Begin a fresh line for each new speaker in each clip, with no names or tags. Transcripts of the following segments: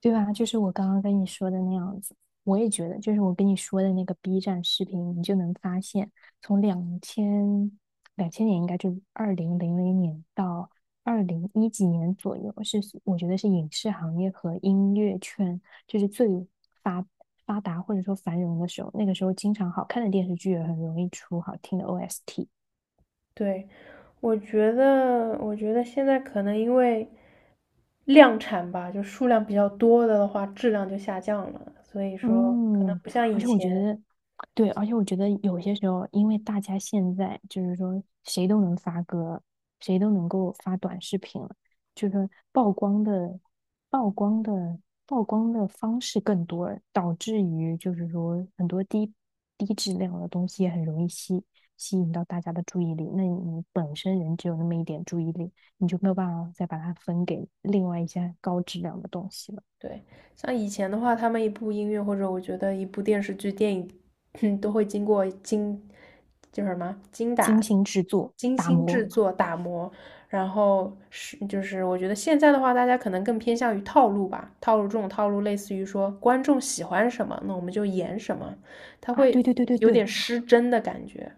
对吧？就是我刚刚跟你说的那样子，我也觉得，就是我跟你说的那个 B 站视频，你就能发现，从两千两千年应该就2000年到201几年左右，是我觉得是影视行业和音乐圈就是最发发达或者说繁荣的时候。那个时候，经常好看的电视剧也很容易出好听的 OST，
对，我觉得现在可能因为量产吧，就数量比较多的话，质量就下降了，所以说可能
嗯，
不像
而
以
且我觉
前，
得，对，而且我觉得有些时候，因为大家现在就是说谁都能发歌，谁都能够发短视频了，就是说曝光的、曝光的、曝光的方式更多了，导致于就是说很多低质量的东西也很容易吸引到大家的注意力。那你本身人只有那么一点注意力，你就没有办法再把它分给另外一些高质量的东西了。
对，像以前的话，他们一部音乐或者我觉得一部电视剧、电影，都会经过精，叫什么精
精
打、
心制作、
精
打
心
磨。
制作、打磨，然后是就是我觉得现在的话，大家可能更偏向于套路吧，套路这种套路类似于说观众喜欢什么，那我们就演什么，他
啊，对
会
对对对
有点
对，
失真的感觉。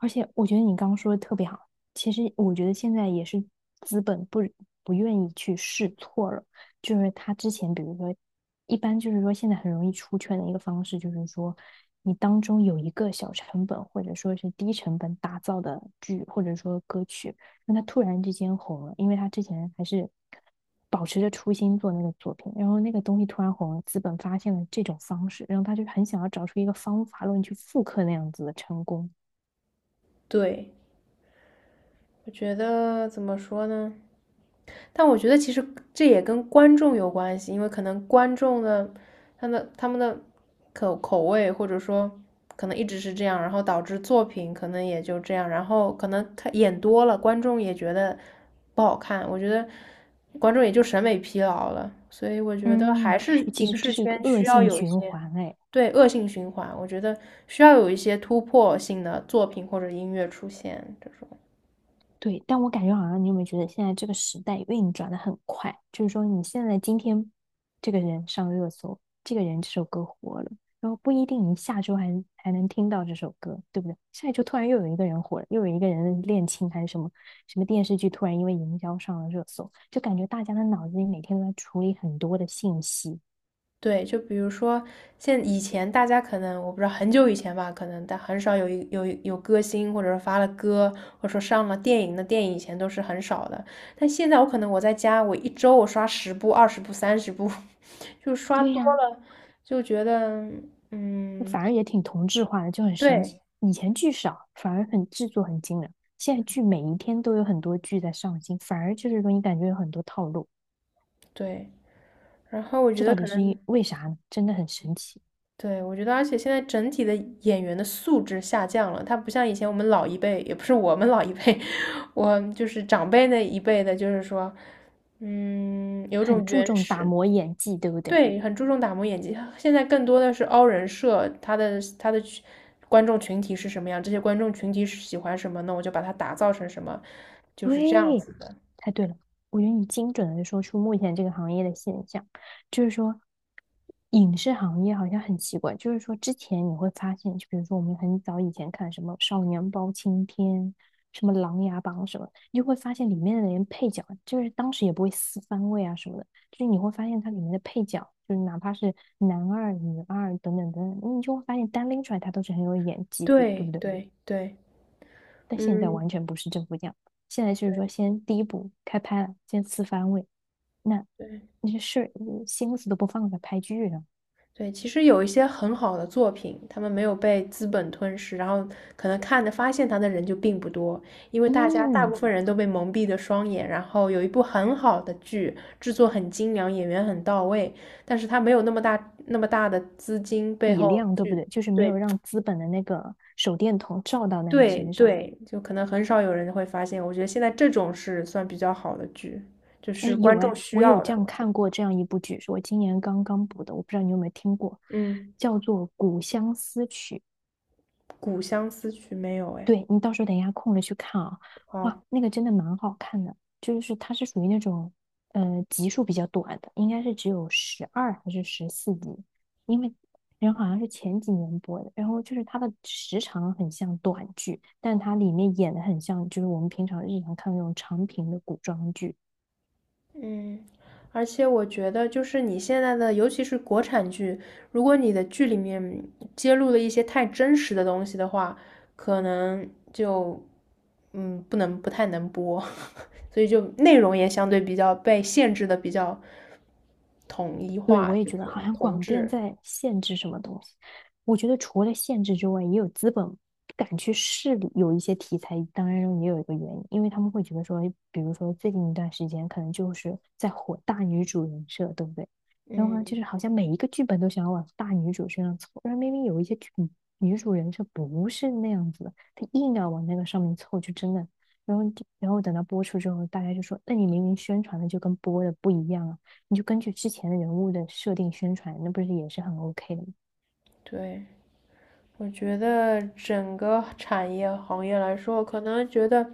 而且我觉得你刚刚说的特别好，其实我觉得现在也是资本不愿意去试错了，就是他之前比如说，一般就是说现在很容易出圈的一个方式，就是说你当中有一个小成本或者说是低成本打造的剧或者说歌曲，那他突然之间红了，因为他之前还是保持着初心做那个作品，然后那个东西突然红了，资本发现了这种方式，然后他就很想要找出一个方法论去复刻那样子的成功。
对，我觉得怎么说呢？但我觉得其实这也跟观众有关系，因为可能观众的他们的口味或者说可能一直是这样，然后导致作品可能也就这样，然后可能他演多了，观众也觉得不好看，我觉得观众也就审美疲劳了，所以我觉得
嗯，
还是
诶其
影
实这
视
是一个
圈
恶
需要
性
有一
循
些
环，哎，
对恶性循环，我觉得需要有一些突破性的作品或者音乐出现这种。
对。但我感觉好像你有没有觉得现在这个时代运转的很快？就是说，你现在今天这个人上热搜，这个人这首歌火了，然后不一定你下周还能听到这首歌，对不对？下一周突然又有一个人火了，又有一个人恋情还是什么什么电视剧突然因为营销上了热搜，就感觉大家的脑子里每天都在处理很多的信息。
对，就比如说，现以前大家可能我不知道很久以前吧，可能但很少有一有有歌星，或者说发了歌，或者说上了电影的电影，以前都是很少的。但现在我可能我在家，我一周刷十部、20部、30部，就刷
对
多
呀、
了，就觉得嗯，
反而也挺同质化的，就很神
对
奇。以前剧少，反而很制作很精良，现在剧每一天都有很多剧在上新，反而就是说你感觉有很多套路，
对。然后我觉
这
得
到底
可
是
能
因为啥呢？真的很神奇，
对，我觉得，而且现在整体的演员的素质下降了，他不像以前我们老一辈，也不是我们老一辈，我就是长辈那一辈的，就是说，嗯，有
很
种
注
原
重打
始，
磨演技，对不对？
对，很注重打磨演技。现在更多的是凹人设，他的观众群体是什么样，这些观众群体是喜欢什么，那我就把它打造成什么，就是这样
对，
子的。
太对了。我觉得你精准的说出目前这个行业的现象，就是说，影视行业好像很奇怪，就是说之前你会发现，就比如说我们很早以前看什么《少年包青天》、什么《琅琊榜》什么，你就会发现里面的人配角，就是当时也不会撕番位啊什么的，就是你会发现它里面的配角，就是哪怕是男二、女二等等等等，你就会发现单拎出来他都是很有演技的，对不
对
对？
对对，
但现在
嗯，
完全不是政府这样，现在就是说
对
先第一步开拍了，先四番位，那
对。
那些事嗯心思都不放在拍剧上，
对，其实有一些很好的作品，他们没有被资本吞噬，然后可能看的发现它的人就并不多，因为大家大部
嗯，
分人都被蒙蔽的双眼。然后有一部很好的剧，制作很精良，演员很到位，但是它没有那么大那么大的资金背
体
后
量对不
去，
对？就是没有
对
让资本的那个手电筒照到那个
对
身上。
对，就可能很少有人会发现。我觉得现在这种是算比较好的剧，就
哎，
是观
有
众
哎，
需
我有
要
这
的，
样
我觉得。
看过这样一部剧，是我今年刚刚补的，我不知道你有没有听过，
嗯，
叫做《古相思曲》。
《古相思曲》没有哎，
对，你到时候等一下空了去看啊，哇，
好。
那个真的蛮好看的，就是它是属于那种，集数比较短的，应该是只有12还是14集，因为人好像是前几年播的，然后就是它的时长很像短剧，但它里面演的很像就是我们平常日常看的那种长平的古装剧，
嗯，而且我觉得，就是你现在的，尤其是国产剧，如果你的剧里面揭露了一些太真实的东西的话，可能就不能不太能播，所以就内容也相对比较被限制的比较统一
对，
化，
我也
就
觉得好
是
像
同
广电
质。
在限制什么东西。我觉得除了限制之外，也有资本不敢去试有一些题材，当然也有一个原因，因为他们会觉得说，比如说最近一段时间可能就是在火大女主人设，对不对？然后呢，就
嗯，
是好像每一个剧本都想要往大女主身上凑，然后明明有一些剧女主人设不是那样子的，她硬要往那个上面凑，就真的，然后等到播出之后，大家就说，那你明明宣传的就跟播的不一样啊。你就根据之前人物的设定宣传，那不是也是很 OK 的吗？
对。我觉得整个产业行业来说，可能觉得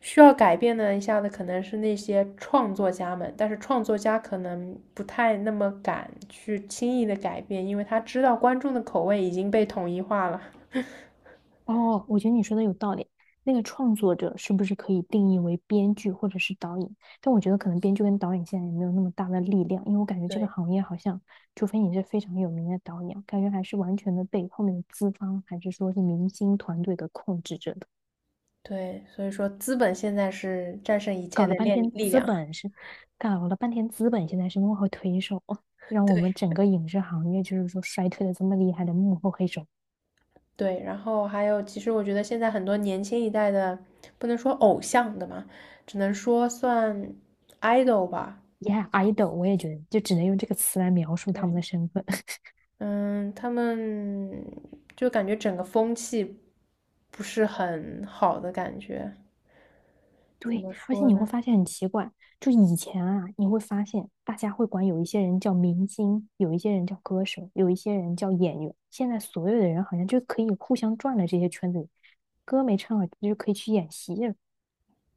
需要改变的一下子可能是那些创作家们，但是创作家可能不太那么敢去轻易的改变，因为他知道观众的口味已经被统一化了。
哦，我觉得你说的有道理。那个创作者是不是可以定义为编剧或者是导演？但我觉得可能编剧跟导演现在也没有那么大的力量，因为我感觉这个
对
行业好像，除非你是非常有名的导演，感觉还是完全的被后面的资方还是说是明星团队给控制着的。
对，所以说资本现在是战胜一切
搞
的
了半
力
天
力
资
量
本是，搞了半天资本现在是幕后推手，哦 让我们
对，
整个影视行业就是说衰退的这么厉害的幕后黑手。
对，然后还有，其实我觉得现在很多年轻一代的，不能说偶像的嘛，只能说算 idol 吧。
Yeah，idol，我也觉得，就只能用这个词来描述他们的身份。
嗯，他们就感觉整个风气不是很好的感觉，怎
对，
么
而且
说
你会
呢？
发现很奇怪，就以前啊，你会发现大家会管有一些人叫明星，有一些人叫歌手，有一些人叫演员。现在所有的人好像就可以互相转了这些圈子里，歌没唱好就可以去演戏了。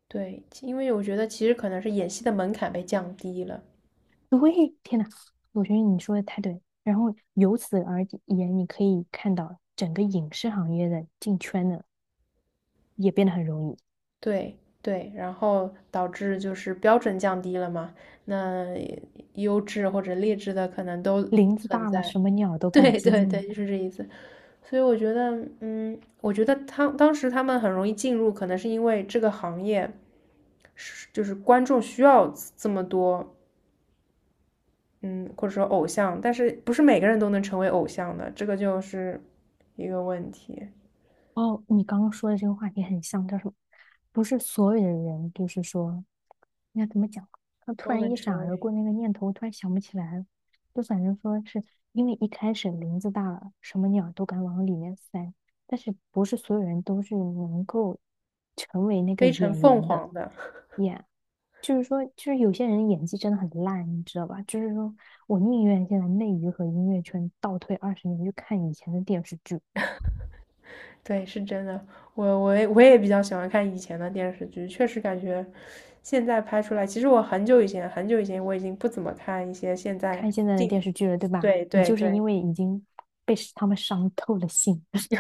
对，因为我觉得其实可能是演戏的门槛被降低了，
对，天呐，我觉得你说的太对然后由此而言，你可以看到整个影视行业的进圈的也变得很容易，
对对，然后导致就是标准降低了嘛，那优质或者劣质的可能都
林子
存
大了，
在。
什么鸟都敢
对对
进。
对，就是这意思。所以我觉得，嗯，我觉得他当时他们很容易进入，可能是因为这个行业是就是观众需要这么多嗯，或者说偶像，但是不是每个人都能成为偶像的，这个就是一个问题。
哦，你刚刚说的这个话题很像，叫什么？不是所有的人，就是说，应该怎么讲？他突
都
然
能
一闪
成
而
为
过那个念头，我突然想不起来了就反正说是因为一开始林子大了，什么鸟都敢往里面塞，但是不是所有人都是能够成为那个
飞乘
演
凤
员的
凰的，
演。就是说，就是有些人演技真的很烂，你知道吧？就是说我宁愿现在内娱和音乐圈倒退二十年去看以前的电视剧。
对，是真的。我也比较喜欢看以前的电视剧，确实感觉现在拍出来，其实我很久以前我已经不怎么看一些现在
看现在的电
近，
视剧了，对吧？
对
你
对
就是
对
因为已经被他们伤透了心，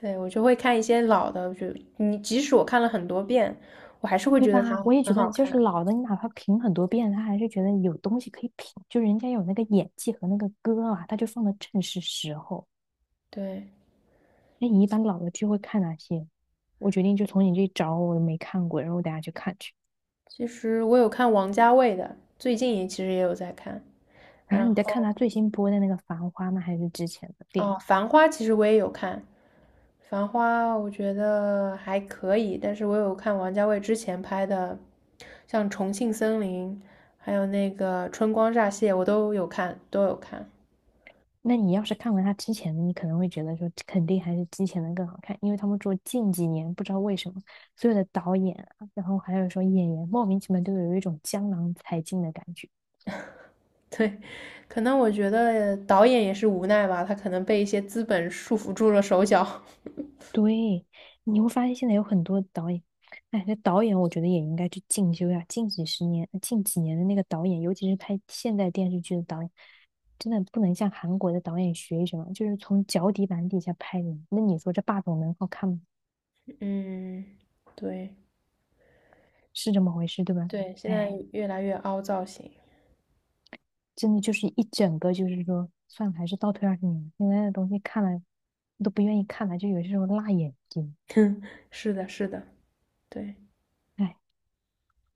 对，我就会看一些老的，就你即使我看了很多遍，我还是会
对
觉
吧？
得它
我也觉
很
得，
好
就
看。
是老的，你哪怕评很多遍，他还是觉得有东西可以评，就人家有那个演技和那个歌啊，他就放的正是时候。
对，
那你一般老的剧会看哪些？我决定就从你这找，我没看过，然后我等下去看去。
其实我有看王家卫的，最近也其实也有在看。
然后
然
你再看
后
他最新播的那个《繁花》吗？还是之前的电影？
哦，《繁花》其实我也有看，《繁花》我觉得还可以，但是我有看王家卫之前拍的，像《重庆森林》，还有那个《春光乍泄》，我都有看，都有看。
那你要是看完他之前的，你可能会觉得说，肯定还是之前的更好看，因为他们说近几年不知道为什么，所有的导演啊，然后还有说演员，莫名其妙都有一种江郎才尽的感觉。
对，可能我觉得导演也是无奈吧，他可能被一些资本束缚住了手脚。
对，你会发现现在有很多导演，哎，这导演我觉得也应该去进修呀。近几十年、近几年的那个导演，尤其是拍现代电视剧的导演，真的不能像韩国的导演学什么，就是从脚底板底下拍的。那你说这霸总能好看吗？
嗯，对
是这么回事，对吧？
对，现在
哎。
越来越凹造型。
真的就是一整个，就是说，算了，还是倒退二十年现在的东西看了都不愿意看了，就有些时候辣眼睛。
哼，是的，是的，对。
哎，